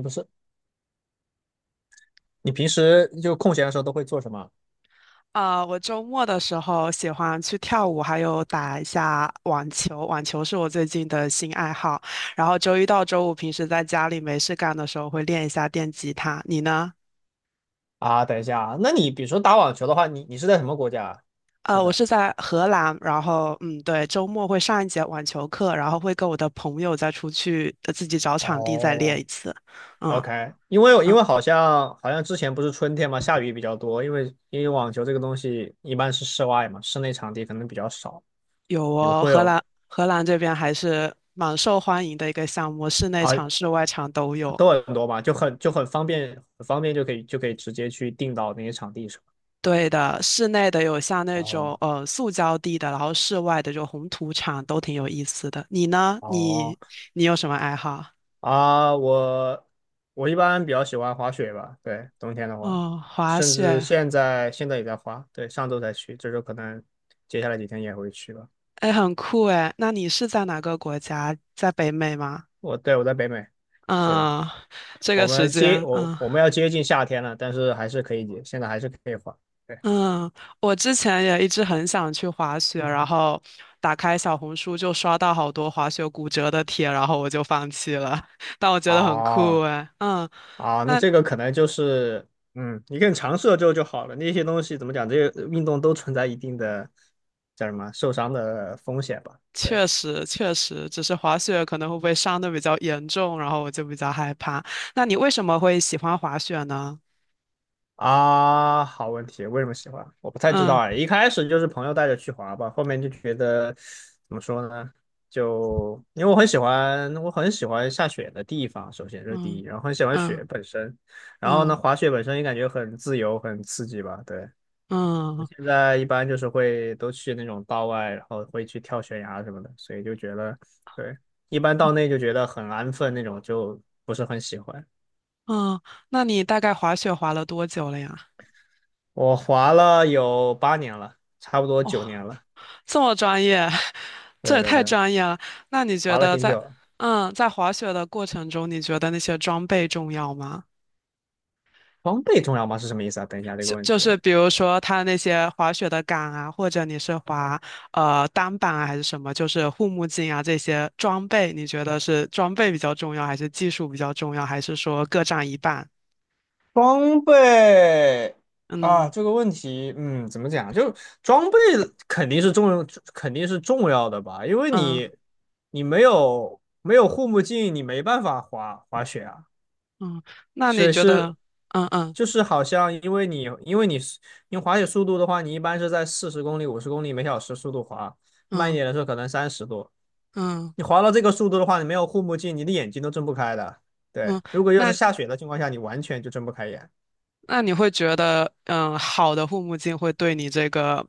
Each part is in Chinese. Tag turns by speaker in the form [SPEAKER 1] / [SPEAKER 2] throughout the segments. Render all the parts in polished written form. [SPEAKER 1] 你不是，你平时就空闲的时候都会做什么
[SPEAKER 2] 啊，我周末的时候喜欢去跳舞，还有打一下网球。网球是我最近的新爱好。然后周一到周五，平时在家里没事干的时候会练一下电吉他。你呢？
[SPEAKER 1] 啊？等一下啊，那你比如说打网球的话，你是在什么国家啊现
[SPEAKER 2] 我
[SPEAKER 1] 在？
[SPEAKER 2] 是在荷兰，然后嗯，对，周末会上一节网球课，然后会跟我的朋友再出去自己找场地再练一
[SPEAKER 1] 哦
[SPEAKER 2] 次。嗯
[SPEAKER 1] ，OK，因为因
[SPEAKER 2] 嗯，
[SPEAKER 1] 为好像之前不是春天嘛，下雨比较多，因为网球这个东西一般是室外嘛，室内场地可能比较少。
[SPEAKER 2] 有
[SPEAKER 1] 你们
[SPEAKER 2] 哦，
[SPEAKER 1] 会
[SPEAKER 2] 荷
[SPEAKER 1] 有
[SPEAKER 2] 兰荷兰这边还是蛮受欢迎的一个项目，室内
[SPEAKER 1] 啊，
[SPEAKER 2] 场、室外场都有。
[SPEAKER 1] 都很多嘛，就很方便，很方便就可以直接去订到那些场地是吧？
[SPEAKER 2] 对的，室内的有像那种
[SPEAKER 1] 哦
[SPEAKER 2] 塑胶地的，然后室外的就红土场都挺有意思的。你呢？
[SPEAKER 1] 哦，
[SPEAKER 2] 你有什么爱好？
[SPEAKER 1] 啊，我我一般比较喜欢滑雪吧。对，冬天的话，
[SPEAKER 2] 哦，滑
[SPEAKER 1] 甚至
[SPEAKER 2] 雪。
[SPEAKER 1] 现在也在滑。对，上周才去，这周可能接下来几天也会去吧。
[SPEAKER 2] 哎，很酷哎。那你是在哪个国家？在北美吗？
[SPEAKER 1] 我，对，我在北美，是的。
[SPEAKER 2] 嗯，这
[SPEAKER 1] 我
[SPEAKER 2] 个时
[SPEAKER 1] 们接
[SPEAKER 2] 间，
[SPEAKER 1] 我
[SPEAKER 2] 嗯
[SPEAKER 1] 我们要接近夏天了，但是还是可以接，现在还是可以滑。对。
[SPEAKER 2] 嗯，我之前也一直很想去滑雪，然后打开小红书就刷到好多滑雪骨折的帖，然后我就放弃了。但我觉得很酷
[SPEAKER 1] 哦，
[SPEAKER 2] 哎，嗯。
[SPEAKER 1] 那
[SPEAKER 2] 那
[SPEAKER 1] 这个可能就是，你更尝试了之后就好了。那些东西怎么讲，这些运动都存在一定的叫什么受伤的风险吧。对。
[SPEAKER 2] 确实，确实，只是滑雪可能会被伤的比较严重，然后我就比较害怕。那你为什么会喜欢滑雪呢？
[SPEAKER 1] 啊，好问题，为什么喜欢？我不太知道哎，
[SPEAKER 2] 嗯
[SPEAKER 1] 一开始就是朋友带着去滑吧，后面就觉得怎么说呢？就因为我很喜欢，我很喜欢下雪的地方，首先这是第
[SPEAKER 2] 嗯
[SPEAKER 1] 一，然后很喜欢
[SPEAKER 2] 嗯
[SPEAKER 1] 雪本身，然后呢，
[SPEAKER 2] 嗯
[SPEAKER 1] 滑雪本身也感觉很自由，很刺激吧。对，我
[SPEAKER 2] 嗯
[SPEAKER 1] 现在一般就是会都去那种道外，然后会去跳悬崖什么的，所以就觉得，对，一般道内就觉得很安分那种，就不是很喜欢。
[SPEAKER 2] 嗯，那你大概滑雪滑了多久了呀？
[SPEAKER 1] 我滑了有8年了，差不多
[SPEAKER 2] 哦，
[SPEAKER 1] 9年了。
[SPEAKER 2] 这么专业，这
[SPEAKER 1] 对
[SPEAKER 2] 也
[SPEAKER 1] 对
[SPEAKER 2] 太
[SPEAKER 1] 对，
[SPEAKER 2] 专业了。那你觉
[SPEAKER 1] 滑了
[SPEAKER 2] 得
[SPEAKER 1] 挺久
[SPEAKER 2] 在
[SPEAKER 1] 了。
[SPEAKER 2] 嗯在滑雪的过程中，你觉得那些装备重要吗？
[SPEAKER 1] 装备重要吗？是什么意思啊？等一下这个问
[SPEAKER 2] 就
[SPEAKER 1] 题。
[SPEAKER 2] 是比如说它那些滑雪的杆啊，或者你是滑单板啊还是什么，就是护目镜啊这些装备，你觉得是装备比较重要，还是技术比较重要，还是说各占一半？
[SPEAKER 1] 装备啊，
[SPEAKER 2] 嗯
[SPEAKER 1] 这个问题，怎么讲？就装备肯定是重，肯定是重要的吧，因为
[SPEAKER 2] 嗯
[SPEAKER 1] 你没有护目镜，你没办法滑雪啊。
[SPEAKER 2] 嗯，那你
[SPEAKER 1] 所以
[SPEAKER 2] 觉
[SPEAKER 1] 是，
[SPEAKER 2] 得？嗯嗯
[SPEAKER 1] 就是好像，因为滑雪速度的话，你一般是在40公里、50公里每小时速度滑，慢一
[SPEAKER 2] 嗯
[SPEAKER 1] 点的时候可能30多。
[SPEAKER 2] 嗯
[SPEAKER 1] 你滑到这个速度的话，你没有护目镜，你的眼睛都睁不开的。对，
[SPEAKER 2] 嗯，
[SPEAKER 1] 如果又是
[SPEAKER 2] 那
[SPEAKER 1] 下雪的情况下，你完全就睁不开眼。
[SPEAKER 2] 那你会觉得，嗯，好的护目镜会对你这个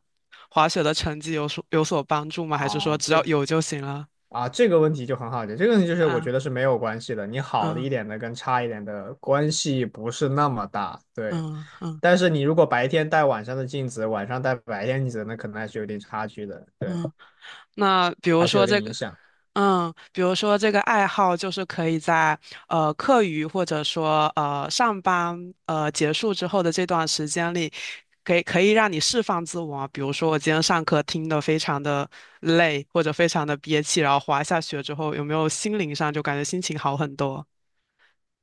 [SPEAKER 2] 滑雪的成绩有所帮助吗？还是说
[SPEAKER 1] 啊，
[SPEAKER 2] 只要
[SPEAKER 1] 这
[SPEAKER 2] 有就行了？
[SPEAKER 1] 啊，这个问题就很好解，这个问题就是我
[SPEAKER 2] 啊
[SPEAKER 1] 觉得是没有关系的，你好的一
[SPEAKER 2] 嗯
[SPEAKER 1] 点的跟差一点的关系不是那么大。对，
[SPEAKER 2] 嗯嗯
[SPEAKER 1] 但是你如果白天戴晚上的镜子，晚上戴白天镜子，那可能还是有点差距的。对，
[SPEAKER 2] 嗯，那比如
[SPEAKER 1] 还是有
[SPEAKER 2] 说
[SPEAKER 1] 点
[SPEAKER 2] 这
[SPEAKER 1] 影
[SPEAKER 2] 个。
[SPEAKER 1] 响。
[SPEAKER 2] 嗯，比如说这个爱好就是可以在课余或者说上班结束之后的这段时间里，可以让你释放自我啊。比如说我今天上课听的非常的累或者非常的憋气，然后滑一下雪之后，有没有心灵上就感觉心情好很多？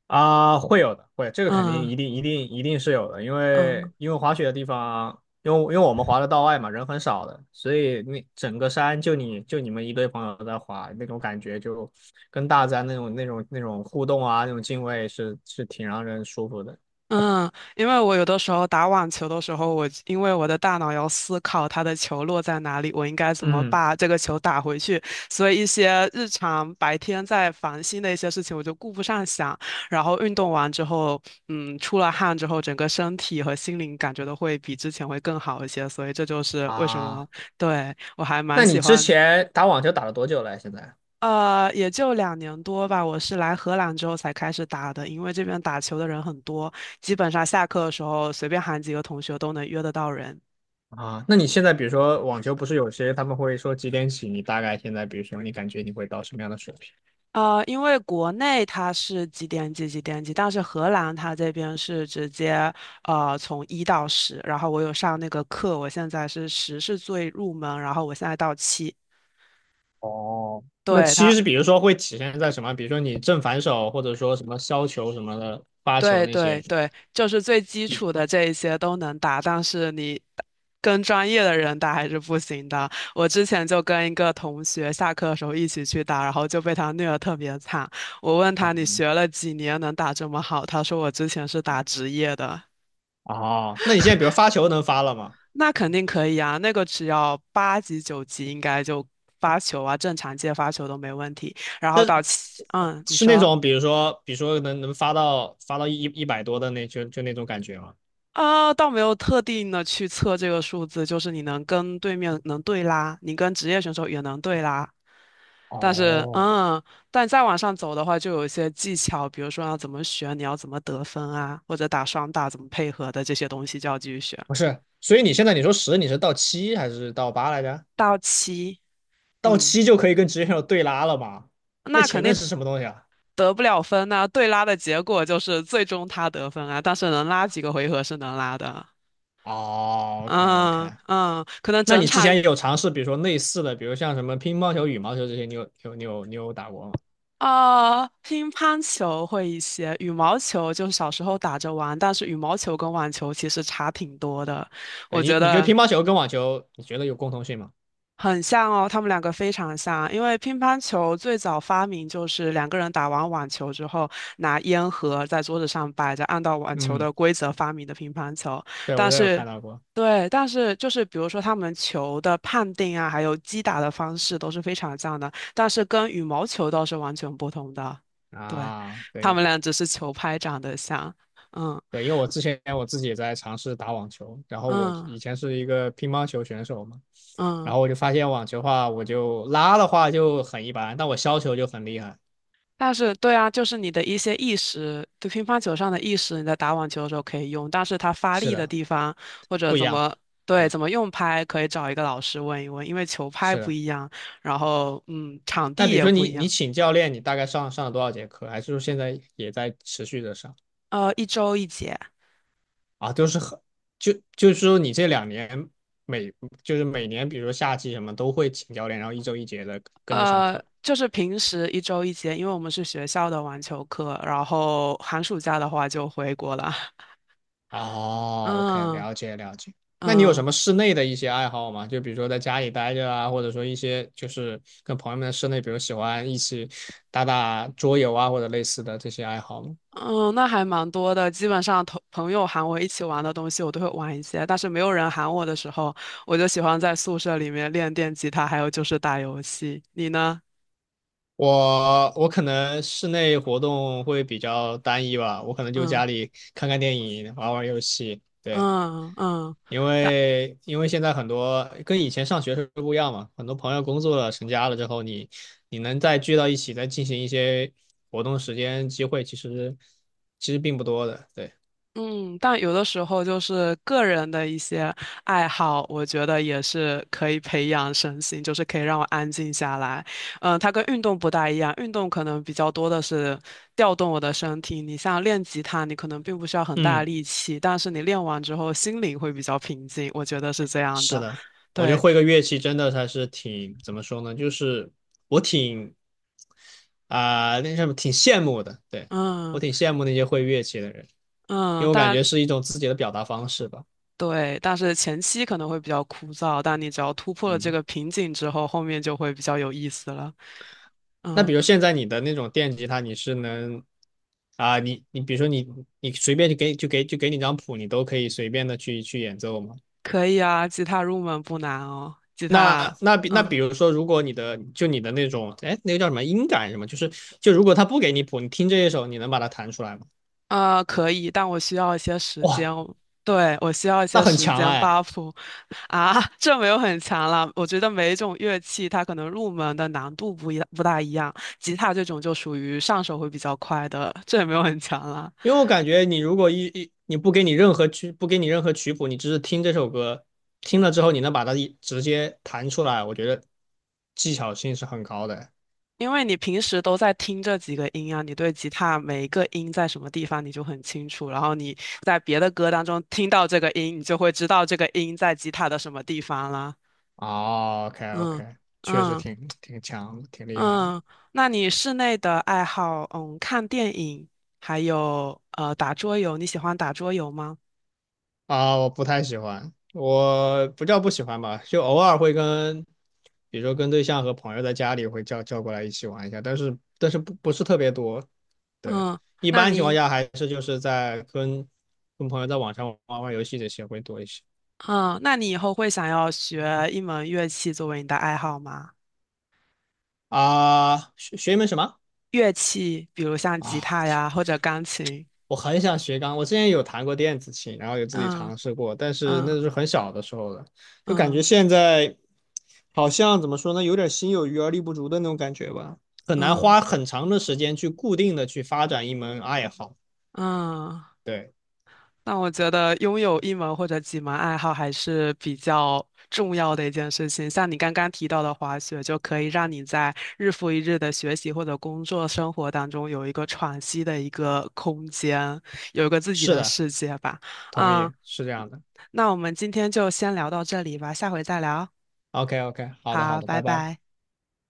[SPEAKER 1] 啊，会有的，会，这个肯定
[SPEAKER 2] 嗯
[SPEAKER 1] 一定一定一定是有的，因
[SPEAKER 2] 嗯
[SPEAKER 1] 为因为滑雪的地方，因为我们滑的道外嘛，人很少的，所以那整个山就你们一堆朋友在滑，那种感觉就跟大自然那种互动啊，那种敬畏是挺让人舒服的。
[SPEAKER 2] 嗯，因为我有的时候打网球的时候，我因为我的大脑要思考它的球落在哪里，我应该怎么
[SPEAKER 1] 嗯，
[SPEAKER 2] 把这个球打回去，所以一些日常白天在烦心的一些事情，我就顾不上想。然后运动完之后，嗯，出了汗之后，整个身体和心灵感觉都会比之前会更好一些，所以这就是为什么，
[SPEAKER 1] 啊，
[SPEAKER 2] 对，我还蛮
[SPEAKER 1] 那
[SPEAKER 2] 喜
[SPEAKER 1] 你之
[SPEAKER 2] 欢。
[SPEAKER 1] 前打网球打了多久了？现在？
[SPEAKER 2] 也就两年多吧。我是来荷兰之后才开始打的，因为这边打球的人很多，基本上下课的时候随便喊几个同学都能约得到人。
[SPEAKER 1] 啊，那你现在比如说网球不是有些他们会说几点起？你大概现在比如说你感觉你会到什么样的水平？
[SPEAKER 2] 因为国内它是几点几几点几，但是荷兰它这边是直接从一到十，然后我有上那个课，我现在是十是最入门，然后我现在到七，
[SPEAKER 1] 哦，那
[SPEAKER 2] 对
[SPEAKER 1] 七是
[SPEAKER 2] 它。
[SPEAKER 1] 比如说会体现在什么？比如说你正反手，或者说什么削球什么的，发球
[SPEAKER 2] 对
[SPEAKER 1] 那
[SPEAKER 2] 对
[SPEAKER 1] 些。
[SPEAKER 2] 对，就是最基础的这一些都能打，但是你跟专业的人打还是不行的。我之前就跟一个同学下课的时候一起去打，然后就被他虐得特别惨。我问
[SPEAKER 1] 啊，
[SPEAKER 2] 他你学了几年能打这么好？他说我之前是打职业的。
[SPEAKER 1] 哦，那你现在比如发球能发了吗？
[SPEAKER 2] 那肯定可以啊，那个只要八级九级应该就发球啊，正常接发球都没问题。然后到七，嗯，你
[SPEAKER 1] 是那
[SPEAKER 2] 说。
[SPEAKER 1] 种比如说，比如说能发到一百多的，那就那种感觉吗？
[SPEAKER 2] 啊，倒没有特定的去测这个数字，就是你能跟对面能对拉，你跟职业选手也能对拉。但是，
[SPEAKER 1] 哦，
[SPEAKER 2] 嗯，但再往上走的话，就有一些技巧，比如说要怎么选，你要怎么得分啊，或者打双打怎么配合的这些东西就要继续学。
[SPEAKER 1] 不是，所以你现在你说十你是到七还是到八来着？
[SPEAKER 2] 到七，
[SPEAKER 1] 到
[SPEAKER 2] 嗯，
[SPEAKER 1] 七就可以跟职业选手对拉了吗？那
[SPEAKER 2] 那肯
[SPEAKER 1] 前面
[SPEAKER 2] 定
[SPEAKER 1] 是什么东西啊？
[SPEAKER 2] 得不了分呐、对拉的结果就是最终他得分啊，但是能拉几个回合是能拉的。
[SPEAKER 1] 哦，OK OK,
[SPEAKER 2] 嗯嗯，可能
[SPEAKER 1] 那
[SPEAKER 2] 整
[SPEAKER 1] 你之
[SPEAKER 2] 场
[SPEAKER 1] 前也有尝试，比如说类似的，比如像什么乒乓球、羽毛球这些，你有打过吗？
[SPEAKER 2] 乒乓球会一些，羽毛球就小时候打着玩，但是羽毛球跟网球其实差挺多的。我
[SPEAKER 1] 对，你
[SPEAKER 2] 觉
[SPEAKER 1] 你觉得
[SPEAKER 2] 得，
[SPEAKER 1] 乒乓球跟网球，你觉得有共通性吗？
[SPEAKER 2] 很像哦，他们两个非常像，因为乒乓球最早发明就是两个人打完网球之后，拿烟盒在桌子上摆着，按照网球
[SPEAKER 1] 嗯，
[SPEAKER 2] 的规则发明的乒乓球。
[SPEAKER 1] 对，我
[SPEAKER 2] 但
[SPEAKER 1] 这有
[SPEAKER 2] 是，
[SPEAKER 1] 看到过
[SPEAKER 2] 对，但是就是比如说他们球的判定啊，还有击打的方式都是非常像的，但是跟羽毛球倒是完全不同的。对，
[SPEAKER 1] 啊。
[SPEAKER 2] 他
[SPEAKER 1] 对
[SPEAKER 2] 们俩只是球拍长得像，嗯
[SPEAKER 1] 对，因为我之前我自己也在尝试打网球，然后我
[SPEAKER 2] 嗯
[SPEAKER 1] 以前是一个乒乓球选手嘛，
[SPEAKER 2] 嗯。
[SPEAKER 1] 然后我就发现网球的话，我就拉的话就很一般，但我削球就很厉害。
[SPEAKER 2] 但是，对啊，就是你的一些意识，就乒乓球上的意识，你在打网球的时候可以用，但是它发
[SPEAKER 1] 是
[SPEAKER 2] 力的
[SPEAKER 1] 的，
[SPEAKER 2] 地方或者
[SPEAKER 1] 不一
[SPEAKER 2] 怎
[SPEAKER 1] 样。
[SPEAKER 2] 么对
[SPEAKER 1] 对，
[SPEAKER 2] 怎么用拍，可以找一个老师问一问，因为球拍
[SPEAKER 1] 是
[SPEAKER 2] 不
[SPEAKER 1] 的。
[SPEAKER 2] 一样，然后嗯，场
[SPEAKER 1] 那
[SPEAKER 2] 地
[SPEAKER 1] 比如
[SPEAKER 2] 也
[SPEAKER 1] 说
[SPEAKER 2] 不
[SPEAKER 1] 你
[SPEAKER 2] 一样，
[SPEAKER 1] 你请教
[SPEAKER 2] 嗯，
[SPEAKER 1] 练，你大概上了多少节课？还是说现在也在持续的上？
[SPEAKER 2] 一周一节，
[SPEAKER 1] 啊，都是很，就是说你这2年，每就是每年，比如说夏季什么都会请教练，然后一周一节的跟着上课。
[SPEAKER 2] 就是平时一周一节，因为我们是学校的网球课，然后寒暑假的话就回国了，
[SPEAKER 1] 哦，OK,
[SPEAKER 2] 嗯
[SPEAKER 1] 了解了解。那你有什
[SPEAKER 2] 嗯。
[SPEAKER 1] 么室内的一些爱好吗？就比如说在家里待着啊，或者说一些就是跟朋友们在室内，比如喜欢一起打打桌游啊，或者类似的这些爱好吗？
[SPEAKER 2] 嗯，那还蛮多的。基本上同朋友喊我一起玩的东西，我都会玩一些。但是没有人喊我的时候，我就喜欢在宿舍里面练电吉他，还有就是打游戏。你呢？
[SPEAKER 1] 我可能室内活动会比较单一吧，我可能就
[SPEAKER 2] 嗯
[SPEAKER 1] 家里看看电影，玩玩游戏，对。
[SPEAKER 2] 嗯嗯，
[SPEAKER 1] 因
[SPEAKER 2] 打
[SPEAKER 1] 为因为现在很多跟以前上学是不一样嘛，很多朋友工作了、成家了之后，你能再聚到一起，再进行一些活动时间机会，其实并不多的。对。
[SPEAKER 2] 嗯，但有的时候就是个人的一些爱好，我觉得也是可以培养身心，就是可以让我安静下来。嗯，它跟运动不大一样，运动可能比较多的是调动我的身体。你像练吉他，你可能并不需要很大
[SPEAKER 1] 嗯，
[SPEAKER 2] 力气，但是你练完之后心灵会比较平静，我觉得是这样
[SPEAKER 1] 是
[SPEAKER 2] 的。
[SPEAKER 1] 的，我觉得
[SPEAKER 2] 对，
[SPEAKER 1] 会个乐器真的还是挺，怎么说呢，就是我挺，啊、那什么挺羡慕的，对。我
[SPEAKER 2] 嗯
[SPEAKER 1] 挺羡慕那些会乐器的人，因
[SPEAKER 2] 嗯，
[SPEAKER 1] 为我感
[SPEAKER 2] 但
[SPEAKER 1] 觉是一种自己的表达方式吧。
[SPEAKER 2] 对，但是前期可能会比较枯燥，但你只要突破了这
[SPEAKER 1] 嗯，
[SPEAKER 2] 个瓶颈之后，后面就会比较有意思了。
[SPEAKER 1] 那
[SPEAKER 2] 嗯。
[SPEAKER 1] 比如现在你的那种电吉他，你是能，啊，你比如说你，你随便就给你张谱，你都可以随便的去演奏吗？
[SPEAKER 2] 可以啊，吉他入门不难哦。吉他，
[SPEAKER 1] 那那比那
[SPEAKER 2] 嗯，
[SPEAKER 1] 比如说，如果你的，就你的那种哎，那个叫什么音感什么，就是，就如果他不给你谱，你听这一首，你能把它弹出来吗？
[SPEAKER 2] 啊，可以，但我需要一些时间
[SPEAKER 1] 哇，
[SPEAKER 2] 哦对，我需要一
[SPEAKER 1] 那
[SPEAKER 2] 些
[SPEAKER 1] 很
[SPEAKER 2] 时
[SPEAKER 1] 强
[SPEAKER 2] 间
[SPEAKER 1] 哎，
[SPEAKER 2] buff 啊，这没有很强了。我觉得每一种乐器它可能入门的难度不大一样，吉他这种就属于上手会比较快的，这也没有很强了。
[SPEAKER 1] 因为我感觉你如果，你不给你任何曲谱，你只是听这首歌，听了之后你能把它直接弹出来，我觉得技巧性是很高的哎。
[SPEAKER 2] 因为你平时都在听这几个音啊，你对吉他每一个音在什么地方你就很清楚，然后你在别的歌当中听到这个音，你就会知道这个音在吉他的什么地方了。
[SPEAKER 1] 哦，OK
[SPEAKER 2] 嗯
[SPEAKER 1] OK,确实
[SPEAKER 2] 嗯
[SPEAKER 1] 挺强，挺厉害。
[SPEAKER 2] 嗯，那你室内的爱好，嗯，看电影，还有打桌游，你喜欢打桌游吗？
[SPEAKER 1] 啊！我不太喜欢，我不叫不喜欢吧，就偶尔会跟，比如说跟对象和朋友在家里会叫过来一起玩一下，但是不是特别多。对，
[SPEAKER 2] 嗯，
[SPEAKER 1] 一
[SPEAKER 2] 那
[SPEAKER 1] 般情况
[SPEAKER 2] 你
[SPEAKER 1] 下还是就是在跟朋友在网上玩玩游戏这些会多一些。
[SPEAKER 2] 嗯，那你以后会想要学一门乐器作为你的爱好吗？
[SPEAKER 1] 啊。学学一门什么？
[SPEAKER 2] 乐器，比如像吉
[SPEAKER 1] 啊？
[SPEAKER 2] 他呀，或者钢琴。
[SPEAKER 1] 我很想学钢，我之前有弹过电子琴，然后有自己
[SPEAKER 2] 嗯
[SPEAKER 1] 尝试过，但是
[SPEAKER 2] 嗯
[SPEAKER 1] 那是很小的时候了，就感觉
[SPEAKER 2] 嗯
[SPEAKER 1] 现在好像怎么说呢，有点心有余而力不足的那种感觉吧，很难
[SPEAKER 2] 嗯
[SPEAKER 1] 花很长的时间去固定的去发展一门爱好。
[SPEAKER 2] 嗯嗯
[SPEAKER 1] 对，
[SPEAKER 2] 那我觉得拥有一门或者几门爱好还是比较重要的一件事情。像你刚刚提到的滑雪，就可以让你在日复一日的学习或者工作生活当中有一个喘息的一个空间，有一个自己
[SPEAKER 1] 是
[SPEAKER 2] 的
[SPEAKER 1] 的，
[SPEAKER 2] 世界吧。
[SPEAKER 1] 同
[SPEAKER 2] 嗯，
[SPEAKER 1] 意，是这样的。
[SPEAKER 2] 那我们今天就先聊到这里吧，下回再聊。
[SPEAKER 1] OK OK,好的好
[SPEAKER 2] 好，
[SPEAKER 1] 的，
[SPEAKER 2] 拜
[SPEAKER 1] 拜拜。
[SPEAKER 2] 拜。